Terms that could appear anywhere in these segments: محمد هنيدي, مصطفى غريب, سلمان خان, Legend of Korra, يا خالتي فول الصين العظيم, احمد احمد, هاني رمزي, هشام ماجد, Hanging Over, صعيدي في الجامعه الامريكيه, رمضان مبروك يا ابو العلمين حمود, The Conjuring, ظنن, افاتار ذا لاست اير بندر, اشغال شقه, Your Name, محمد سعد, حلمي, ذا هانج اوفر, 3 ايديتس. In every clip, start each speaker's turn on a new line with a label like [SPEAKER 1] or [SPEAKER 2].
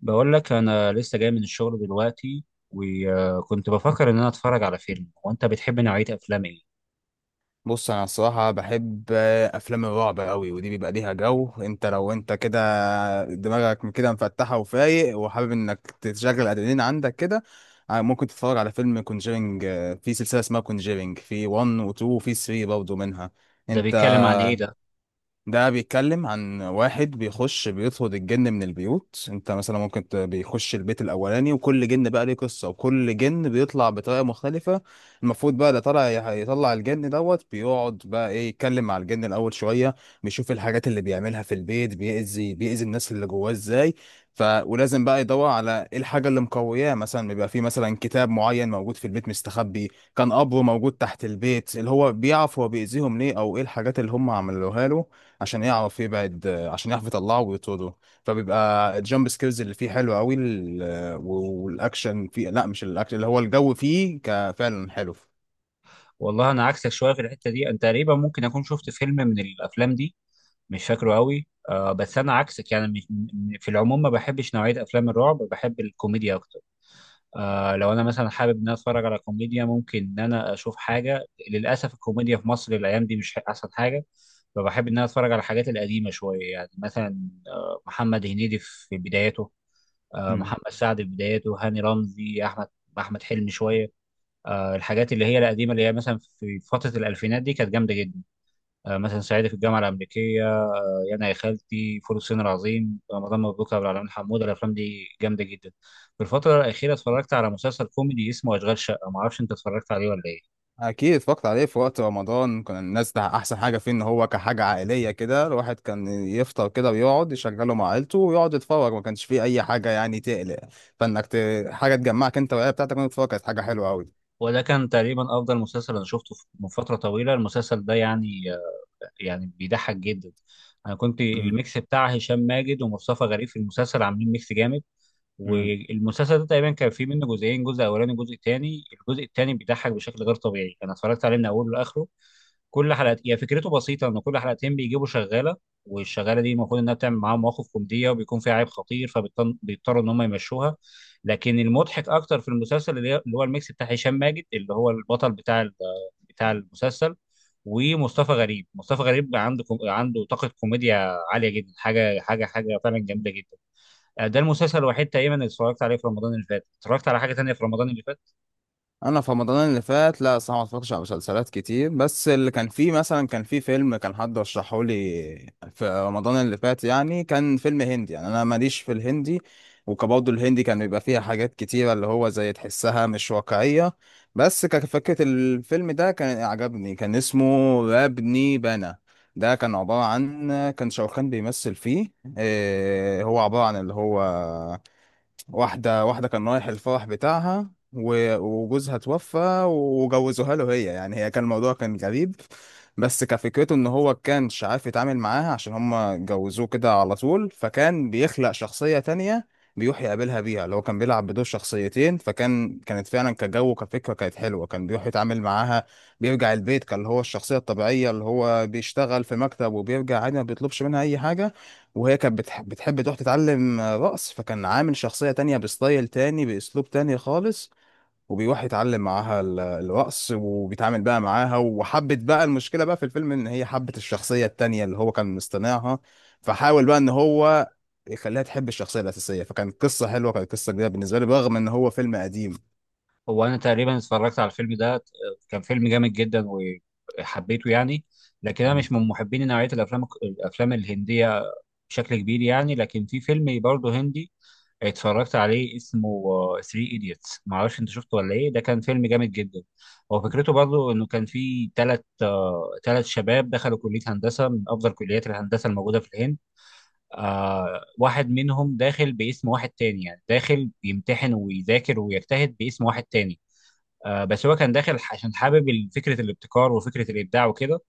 [SPEAKER 1] بقول لك انا لسه جاي من الشغل دلوقتي، وكنت بفكر ان انا اتفرج على فيلم. وانت بتحب نوعية افلام ايه؟
[SPEAKER 2] بص، انا الصراحه بحب افلام الرعب قوي، ودي بيبقى ليها جو. انت لو انت كده دماغك من كده مفتحه وفايق وحابب انك تشغل الادرينالين عندك كده، ممكن تتفرج على فيلم كونجيرنج. في سلسله اسمها كونجيرنج، في 1 و2 وفي 3 برضه منها،
[SPEAKER 1] ده
[SPEAKER 2] انت؟
[SPEAKER 1] بيتكلم عن ايه ده؟
[SPEAKER 2] ده بيتكلم عن واحد بيخش، بيطرد الجن من البيوت. انت مثلا ممكن بيخش البيت الاولاني، وكل جن بقى ليه قصة، وكل جن بيطلع بطريقة مختلفة. المفروض بقى ده يطلع الجن دوت، بيقعد بقى ايه، يتكلم مع الجن الاول شوية، بيشوف الحاجات اللي بيعملها في البيت، بيأذي الناس اللي جواه ازاي. ف ولازم بقى يدور على ايه الحاجة اللي مقوياه، مثلا بيبقى في مثلا كتاب معين موجود في البيت مستخبي، كان قبره موجود تحت البيت، اللي هو بيعرف هو بيأذيهم ليه، او ايه الحاجات اللي هم عملوها له، عشان يعرف يبعد، عشان يعرف يطلعه ويطرده. فبيبقى الجامب سكيلز اللي فيه حلو قوي، والاكشن فيه، لا، مش الاكشن، اللي هو الجو فيه فعلا حلو.
[SPEAKER 1] والله انا عكسك شوية في الحتة دي. انت تقريبا ممكن اكون شفت فيلم من الافلام دي، مش فاكره قوي. آه، بس انا عكسك، يعني في العموم ما بحبش نوعية افلام الرعب، بحب الكوميديا اكتر. آه، لو انا مثلا حابب ان انا اتفرج على كوميديا ممكن ان انا اشوف حاجه. للاسف الكوميديا في مصر الايام دي مش احسن حاجه، فبحب ان انا اتفرج على الحاجات القديمه شويه. يعني مثلا آه محمد هنيدي في بدايته، آه محمد سعد في بدايته، هاني رمزي، احمد حلمي شويه. آه الحاجات اللي هي القديمه، اللي هي مثلا في فتره الالفينات دي، كانت جامده جدا. آه مثلا صعيدي في الجامعه الامريكيه، يعني يا خالتي، فول الصين العظيم، رمضان مبروك يا ابو العلمين حمود، الافلام دي جامده جدا. في الفتره الاخيره اتفرجت على مسلسل كوميدي اسمه اشغال شقه، ما اعرفش انت اتفرجت عليه ولا ايه.
[SPEAKER 2] اكيد اتفرجت عليه، في وقت رمضان كان الناس ده احسن حاجه فيه، ان هو كحاجه عائليه كده، الواحد كان يفطر كده ويقعد يشغله مع عيلته ويقعد يتفرج، ما كانش فيه اي حاجه يعني تقلق، فانك ت... حاجه تجمعك انت والعيله بتاعتك وانت بتتفرج، كانت حاجه حلوه قوي.
[SPEAKER 1] وده كان تقريبا افضل مسلسل انا شفته من فتره طويله، المسلسل ده يعني. يعني بيضحك جدا. انا كنت الميكس بتاع هشام ماجد ومصطفى غريب في المسلسل عاملين ميكس جامد.
[SPEAKER 2] امم.
[SPEAKER 1] والمسلسل ده تقريبا كان فيه منه جزئين، جزء اولاني وجزء تاني. الجزء التاني بيضحك بشكل غير طبيعي، انا اتفرجت عليه من اوله لاخره. كل حلقة، هي فكرته بسيطة، إن كل حلقتين بيجيبوا شغالة، والشغالة دي المفروض إنها بتعمل معاهم مواقف كوميدية وبيكون فيها عيب خطير فبيضطروا إن هم يمشوها. لكن المضحك أكتر في المسلسل اللي هو الميكس بتاع هشام ماجد، اللي هو البطل بتاع بتاع المسلسل. ومصطفى غريب. مصطفى غريب عنده عنده طاقة كوميديا عالية جدا، حاجة حاجة حاجة فعلا جامدة جدا. آه، ده المسلسل الوحيد تقريبا اللي اتفرجت عليه في رمضان اللي فات. اتفرجت على حاجة تانية في رمضان اللي فات.
[SPEAKER 2] انا في رمضان اللي فات، لا، صراحه ما اتفرجتش على مسلسلات كتير، بس اللي كان فيه مثلا، كان فيه فيلم كان حد رشحه لي في رمضان اللي فات، يعني كان فيلم هندي، يعني انا ماليش في الهندي، وكبرضه الهندي كان بيبقى فيها حاجات كتيره اللي هو زي تحسها مش واقعيه، بس كفكره الفيلم ده كان عجبني، كان اسمه ربني بنا. ده كان عبارة عن، كان شاروخان بيمثل فيه، إيه هو عبارة عن اللي هو واحدة، واحدة كان رايح الفرح بتاعها وجوزها توفى، وجوزوها له، هي يعني هي كان الموضوع كان غريب، بس كفكرته ان هو كانش عارف يتعامل معاها عشان هما جوزوه كده على طول، فكان بيخلق شخصية تانية بيروح يقابلها بيها، اللي هو كان بيلعب بدور شخصيتين، فكان كانت فعلا كجو كفكرة كانت حلوة، كان بيروح يتعامل معاها، بيرجع البيت كان اللي هو الشخصية الطبيعية اللي هو بيشتغل في مكتب وبيرجع عادي ما بيطلبش منها أي حاجة، وهي كانت بتحب تروح تتعلم رقص، فكان عامل شخصية تانية بستايل تاني بأسلوب تاني خالص، وبيروح يتعلم معاها الرقص، وبيتعامل بقى معاها وحبت بقى، المشكلة بقى في الفيلم إن هي حبت الشخصية التانية اللي هو كان مصطنعها، فحاول بقى إن هو يخليها تحب الشخصية الأساسية، فكان قصة حلوة، كانت قصة جديدة بالنسبة لي، رغم إن هو فيلم قديم.
[SPEAKER 1] هو انا تقريبا اتفرجت على الفيلم ده، كان فيلم جامد جدا وحبيته يعني. لكن انا
[SPEAKER 2] مم.
[SPEAKER 1] مش من محبين نوعيه الافلام الهنديه بشكل كبير يعني. لكن في فيلم برضه هندي اتفرجت عليه، اسمه 3 ايديتس، ما اعرفش انت شفته ولا ايه. ده كان فيلم جامد جدا. هو فكرته، برضه انه كان في ثلاث شباب دخلوا كليه هندسه من افضل كليات الهندسه الموجوده في الهند. آه واحد منهم داخل باسم واحد تاني، يعني داخل يمتحن ويذاكر ويجتهد باسم واحد تاني. آه، بس هو كان داخل عشان حابب فكره الابتكار وفكره الابداع وكده.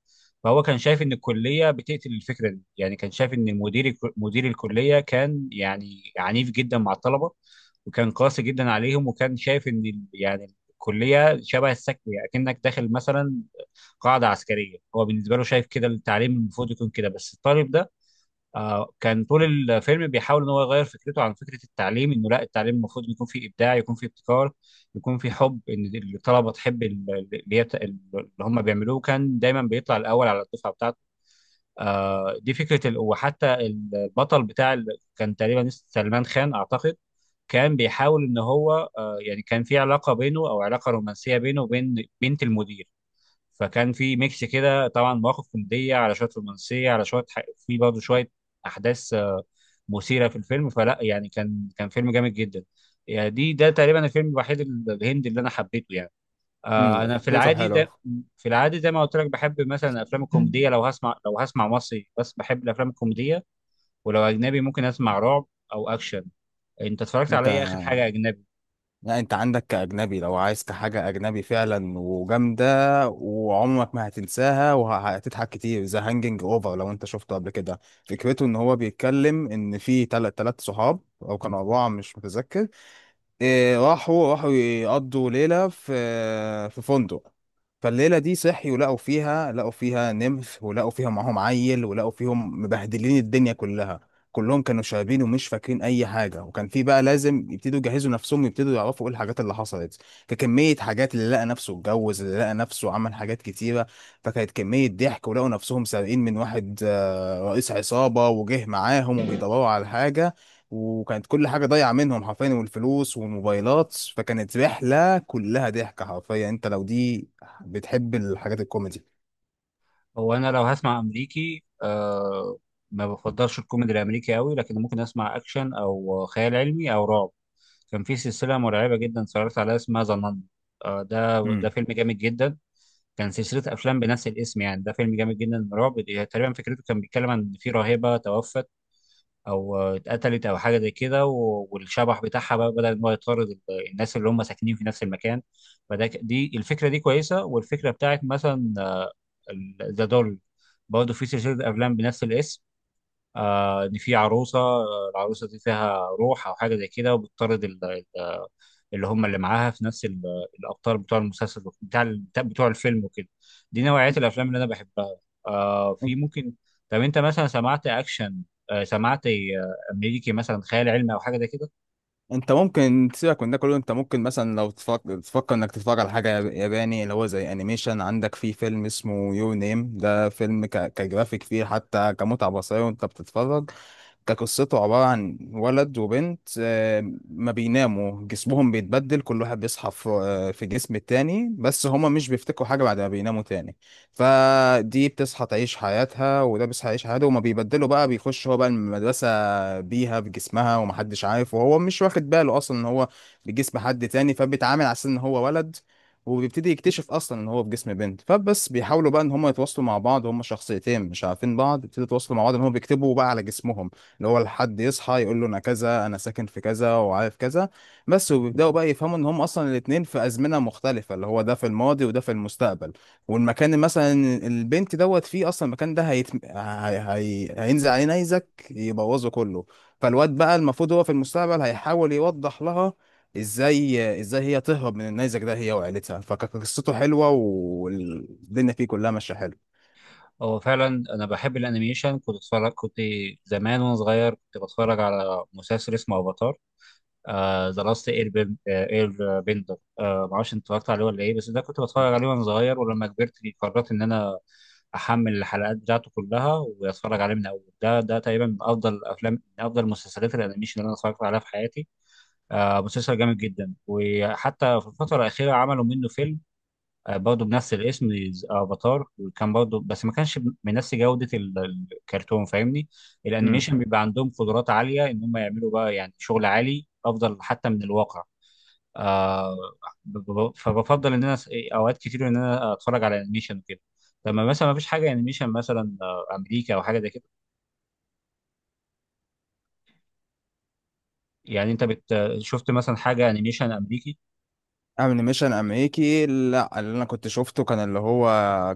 [SPEAKER 1] فهو كان شايف ان الكليه بتقتل الفكره دي. يعني كان شايف ان مدير الكليه كان يعني عنيف جدا مع الطلبه، وكان قاسي جدا عليهم، وكان شايف ان يعني الكليه شبه السجن، يعني كأنك داخل مثلا قاعده عسكريه. هو بالنسبه له شايف كده التعليم المفروض يكون كده. بس الطالب ده آه، كان طول الفيلم بيحاول ان هو يغير فكرته عن فكره التعليم، انه لا، التعليم المفروض يكون فيه ابداع، يكون فيه ابتكار، يكون فيه حب ان الطلبه تحب اللي هم بيعملوه. كان دايما بيطلع الاول على الدفعه بتاعته. آه، دي فكره وحتى البطل بتاع كان تقريبا اسمه سلمان خان اعتقد. كان بيحاول ان هو آه، يعني كان في علاقه بينه، او علاقه رومانسيه بينه وبين بنت المدير. فكان في ميكس كده، طبعا مواقف كوميديه على شويه رومانسيه على شويه، في برضه شويه احداث آه، مثيرة في الفيلم. فلا يعني، كان فيلم جامد جدا. يعني ده تقريبا الفيلم الوحيد الهندي اللي انا حبيته يعني. آه
[SPEAKER 2] مم،
[SPEAKER 1] انا في
[SPEAKER 2] فكرته
[SPEAKER 1] العادي ده
[SPEAKER 2] حلوة.
[SPEAKER 1] في العادي زي ما قلت لك، بحب مثلا الافلام الكوميديه. لو هسمع مصري بس، بحب الافلام الكوميديه. ولو اجنبي، ممكن اسمع رعب او اكشن. انت اتفرجت على
[SPEAKER 2] أنت
[SPEAKER 1] ايه اخر حاجه اجنبي؟
[SPEAKER 2] لا، انت عندك كأجنبي لو عايز حاجة أجنبي فعلا وجامدة، وعمرك ما هتنساها وهتضحك كتير، ذا هانجنج اوفر، لو انت شفته قبل كده. فكرته ان هو بيتكلم ان في تلات صحاب او كانوا أربعة، مش متذكر، إيه، راحوا يقضوا ليلة في فندق، فالليلة دي صحي، ولقوا فيها نمث، ولقوا فيها معاهم عيل، ولقوا فيهم مبهدلين الدنيا كلها، كلهم كانوا شاربين ومش فاكرين أي حاجة، وكان في بقى لازم يبتدوا يجهزوا نفسهم، يبتدوا يعرفوا إيه الحاجات اللي حصلت، ككمية حاجات، اللي لقى نفسه اتجوز، اللي لقى نفسه عمل حاجات كتيرة، فكانت كمية ضحك، ولقوا نفسهم سارقين من واحد، رئيس عصابة وجه معاهم وبيدوروا على حاجة، وكانت كل حاجة ضايعة منهم حرفيا، والفلوس والموبايلات، فكانت رحلة كلها ضحك حرفيا، انت لو دي بتحب الحاجات الكوميدي.
[SPEAKER 1] هو انا لو هسمع امريكي، ما بفضلش الكوميدي الامريكي قوي، لكن ممكن اسمع اكشن او خيال علمي او رعب. كان في سلسلة مرعبة جدا اتفرجت عليها، اسمها ظنن. ده
[SPEAKER 2] امم.
[SPEAKER 1] فيلم جامد جدا. كان سلسلة أفلام بنفس الاسم، يعني ده فيلم جامد جدا رعب. تقريبا فكرته كان بيتكلم عن إن في راهبة توفت، أو آه، اتقتلت أو حاجة زي كده، والشبح بتاعها بقى بدأ إن هو يطارد الناس اللي هم ساكنين في نفس المكان. فده دي الفكرة دي كويسة، والفكرة بتاعت مثلا ذا دول، برضه في سلسلة أفلام بنفس الاسم، آه إن في عروسة، آه، العروسة دي فيها روح أو حاجة زي كده وبتطارد اللي هم اللي معاها في نفس الابطال بتوع المسلسل بتاع بتوع الفيلم وكده. دي نوعية الافلام اللي انا بحبها. آه في ممكن. طب انت مثلا سمعت اكشن؟ سمعت آه، امريكي مثلا خيال علمي او حاجه زي كده؟
[SPEAKER 2] انت ممكن تسيبك من ده كله، انت ممكن مثلا لو تفكر انك تتفرج على حاجة ياباني، اللي هو زي انيميشن، عندك في فيلم اسمه يور نيم، ده فيلم كجرافيك فيه، حتى كمتعة بصرية وانت بتتفرج. ده قصته عبارة عن ولد وبنت، ما بيناموا جسمهم بيتبدل، كل واحد بيصحى في جسم التاني، بس هما مش بيفتكروا حاجة بعد ما بيناموا تاني، فدي بتصحى تعيش حياتها، وده بيصحى يعيش حياته، وما بيبدلوا بقى بيخش هو بقى المدرسة بيها بجسمها، ومحدش عارف، وهو مش واخد باله أصلا إن هو بجسم حد تاني، فبيتعامل على أساس إن هو ولد، وبيبتدي يكتشف اصلا ان هو في جسم بنت، فبس بيحاولوا بقى ان هم يتواصلوا مع بعض، هم شخصيتين مش عارفين بعض، بيبتدوا يتواصلوا مع بعض ان هم بيكتبوا بقى على جسمهم، اللي هو الحد يصحى يقول له انا كذا، انا ساكن في كذا، وعارف كذا بس، وبيبداوا بقى يفهموا ان هم اصلا الاتنين في ازمنه مختلفه، اللي هو ده في الماضي وده في المستقبل، والمكان مثلا البنت دوت فيه، اصلا المكان ده هينزل عليه نيزك يبوظه كله، فالواد بقى المفروض هو في المستقبل هيحاول يوضح لها ازاي هي تهرب من النيزك ده هي وعيلتها، فقصته حلوه والدنيا فيه كلها ماشيه حلو.
[SPEAKER 1] هو فعلا انا بحب الانيميشن. كنت زمان وانا صغير كنت بتفرج على مسلسل اسمه افاتار ذا لاست اير بندر. آه، معرفش انت اتفرجت عليه ولا ايه. بس ده كنت بتفرج عليه وانا صغير، ولما كبرت قررت ان انا احمل الحلقات بتاعته كلها واتفرج عليه من اول. ده تقريبا من افضل افلام، من افضل مسلسلات الانيميشن اللي انا اتفرجت عليها في حياتي. آه، مسلسل جامد جدا. وحتى في الفتره الاخيره عملوا منه فيلم آه، برضه بنفس الاسم، افاتار. وكان برضه بس ما كانش بنفس جودة الكرتون، فاهمني. الانيميشن بيبقى عندهم قدرات عالية ان هم يعملوا بقى يعني شغل عالي افضل حتى من الواقع. آه فبفضل ان انا اوقات كتير ان انا اتفرج على انيميشن وكده. لما مثلا ما فيش حاجة انيميشن مثلا آه، امريكا او حاجة زي كده. يعني انت شفت مثلا حاجة انيميشن امريكي؟
[SPEAKER 2] انيميشن امريكي، لا، اللي انا كنت شفته كان اللي هو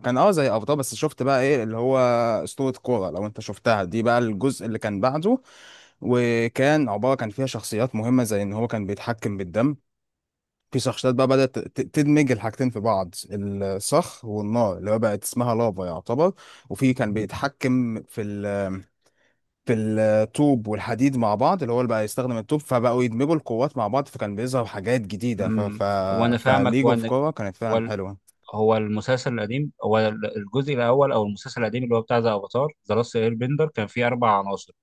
[SPEAKER 2] كان زي ابطال، بس شفت بقى ايه اللي هو اسطورة كورة، لو انت شفتها، دي بقى الجزء اللي كان بعده، وكان عبارة كان فيها شخصيات مهمة زي ان هو كان بيتحكم بالدم، في شخصيات بقى بدأت تدمج الحاجتين في بعض، الصخر والنار اللي هو بقت اسمها لافا يعتبر، وفي كان بيتحكم في الطوب والحديد مع بعض اللي هو، اللي بقى يستخدم الطوب، فبقوا يدمجوا القوات مع بعض، فكان بيظهر حاجات جديدة
[SPEAKER 1] امم وانا فاهمك.
[SPEAKER 2] فليج اوف
[SPEAKER 1] وانا
[SPEAKER 2] كورة كانت فعلا حلوة.
[SPEAKER 1] هو المسلسل القديم، هو الجزء الاول او المسلسل القديم اللي هو بتاع ذا افاتار ذا لاست اير بندر، كان فيه اربع عناصر،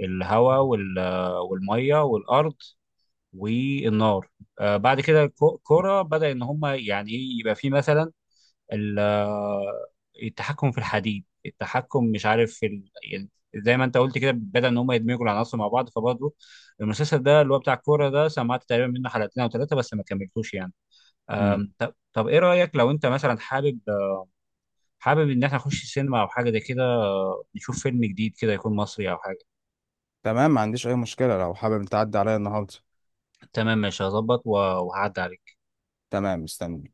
[SPEAKER 1] الهواء والميه والارض والنار. آه بعد كده الكرة بدأ ان هم يعني ايه يبقى فيه مثلا ال- آه، التحكم في الحديد، التحكم مش عارف في يعني زي ما انت قلت كده، بدأ ان هم يدمجوا العناصر مع بعض. فبرضه المسلسل ده اللي هو بتاع الكوره ده سمعت تقريبا منه حلقتين او ثلاثه بس ما كملتوش يعني.
[SPEAKER 2] مم.
[SPEAKER 1] طب ايه رأيك لو انت مثلا حابب ان احنا نخش السينما او حاجه زي كده، نشوف فيلم جديد كده يكون مصري او حاجه.
[SPEAKER 2] تمام، ما عنديش أي مشكلة، لو حابب تعدي عليا النهاردة.
[SPEAKER 1] تمام ماشي هظبط وهعدي عليك.
[SPEAKER 2] تمام، مستني.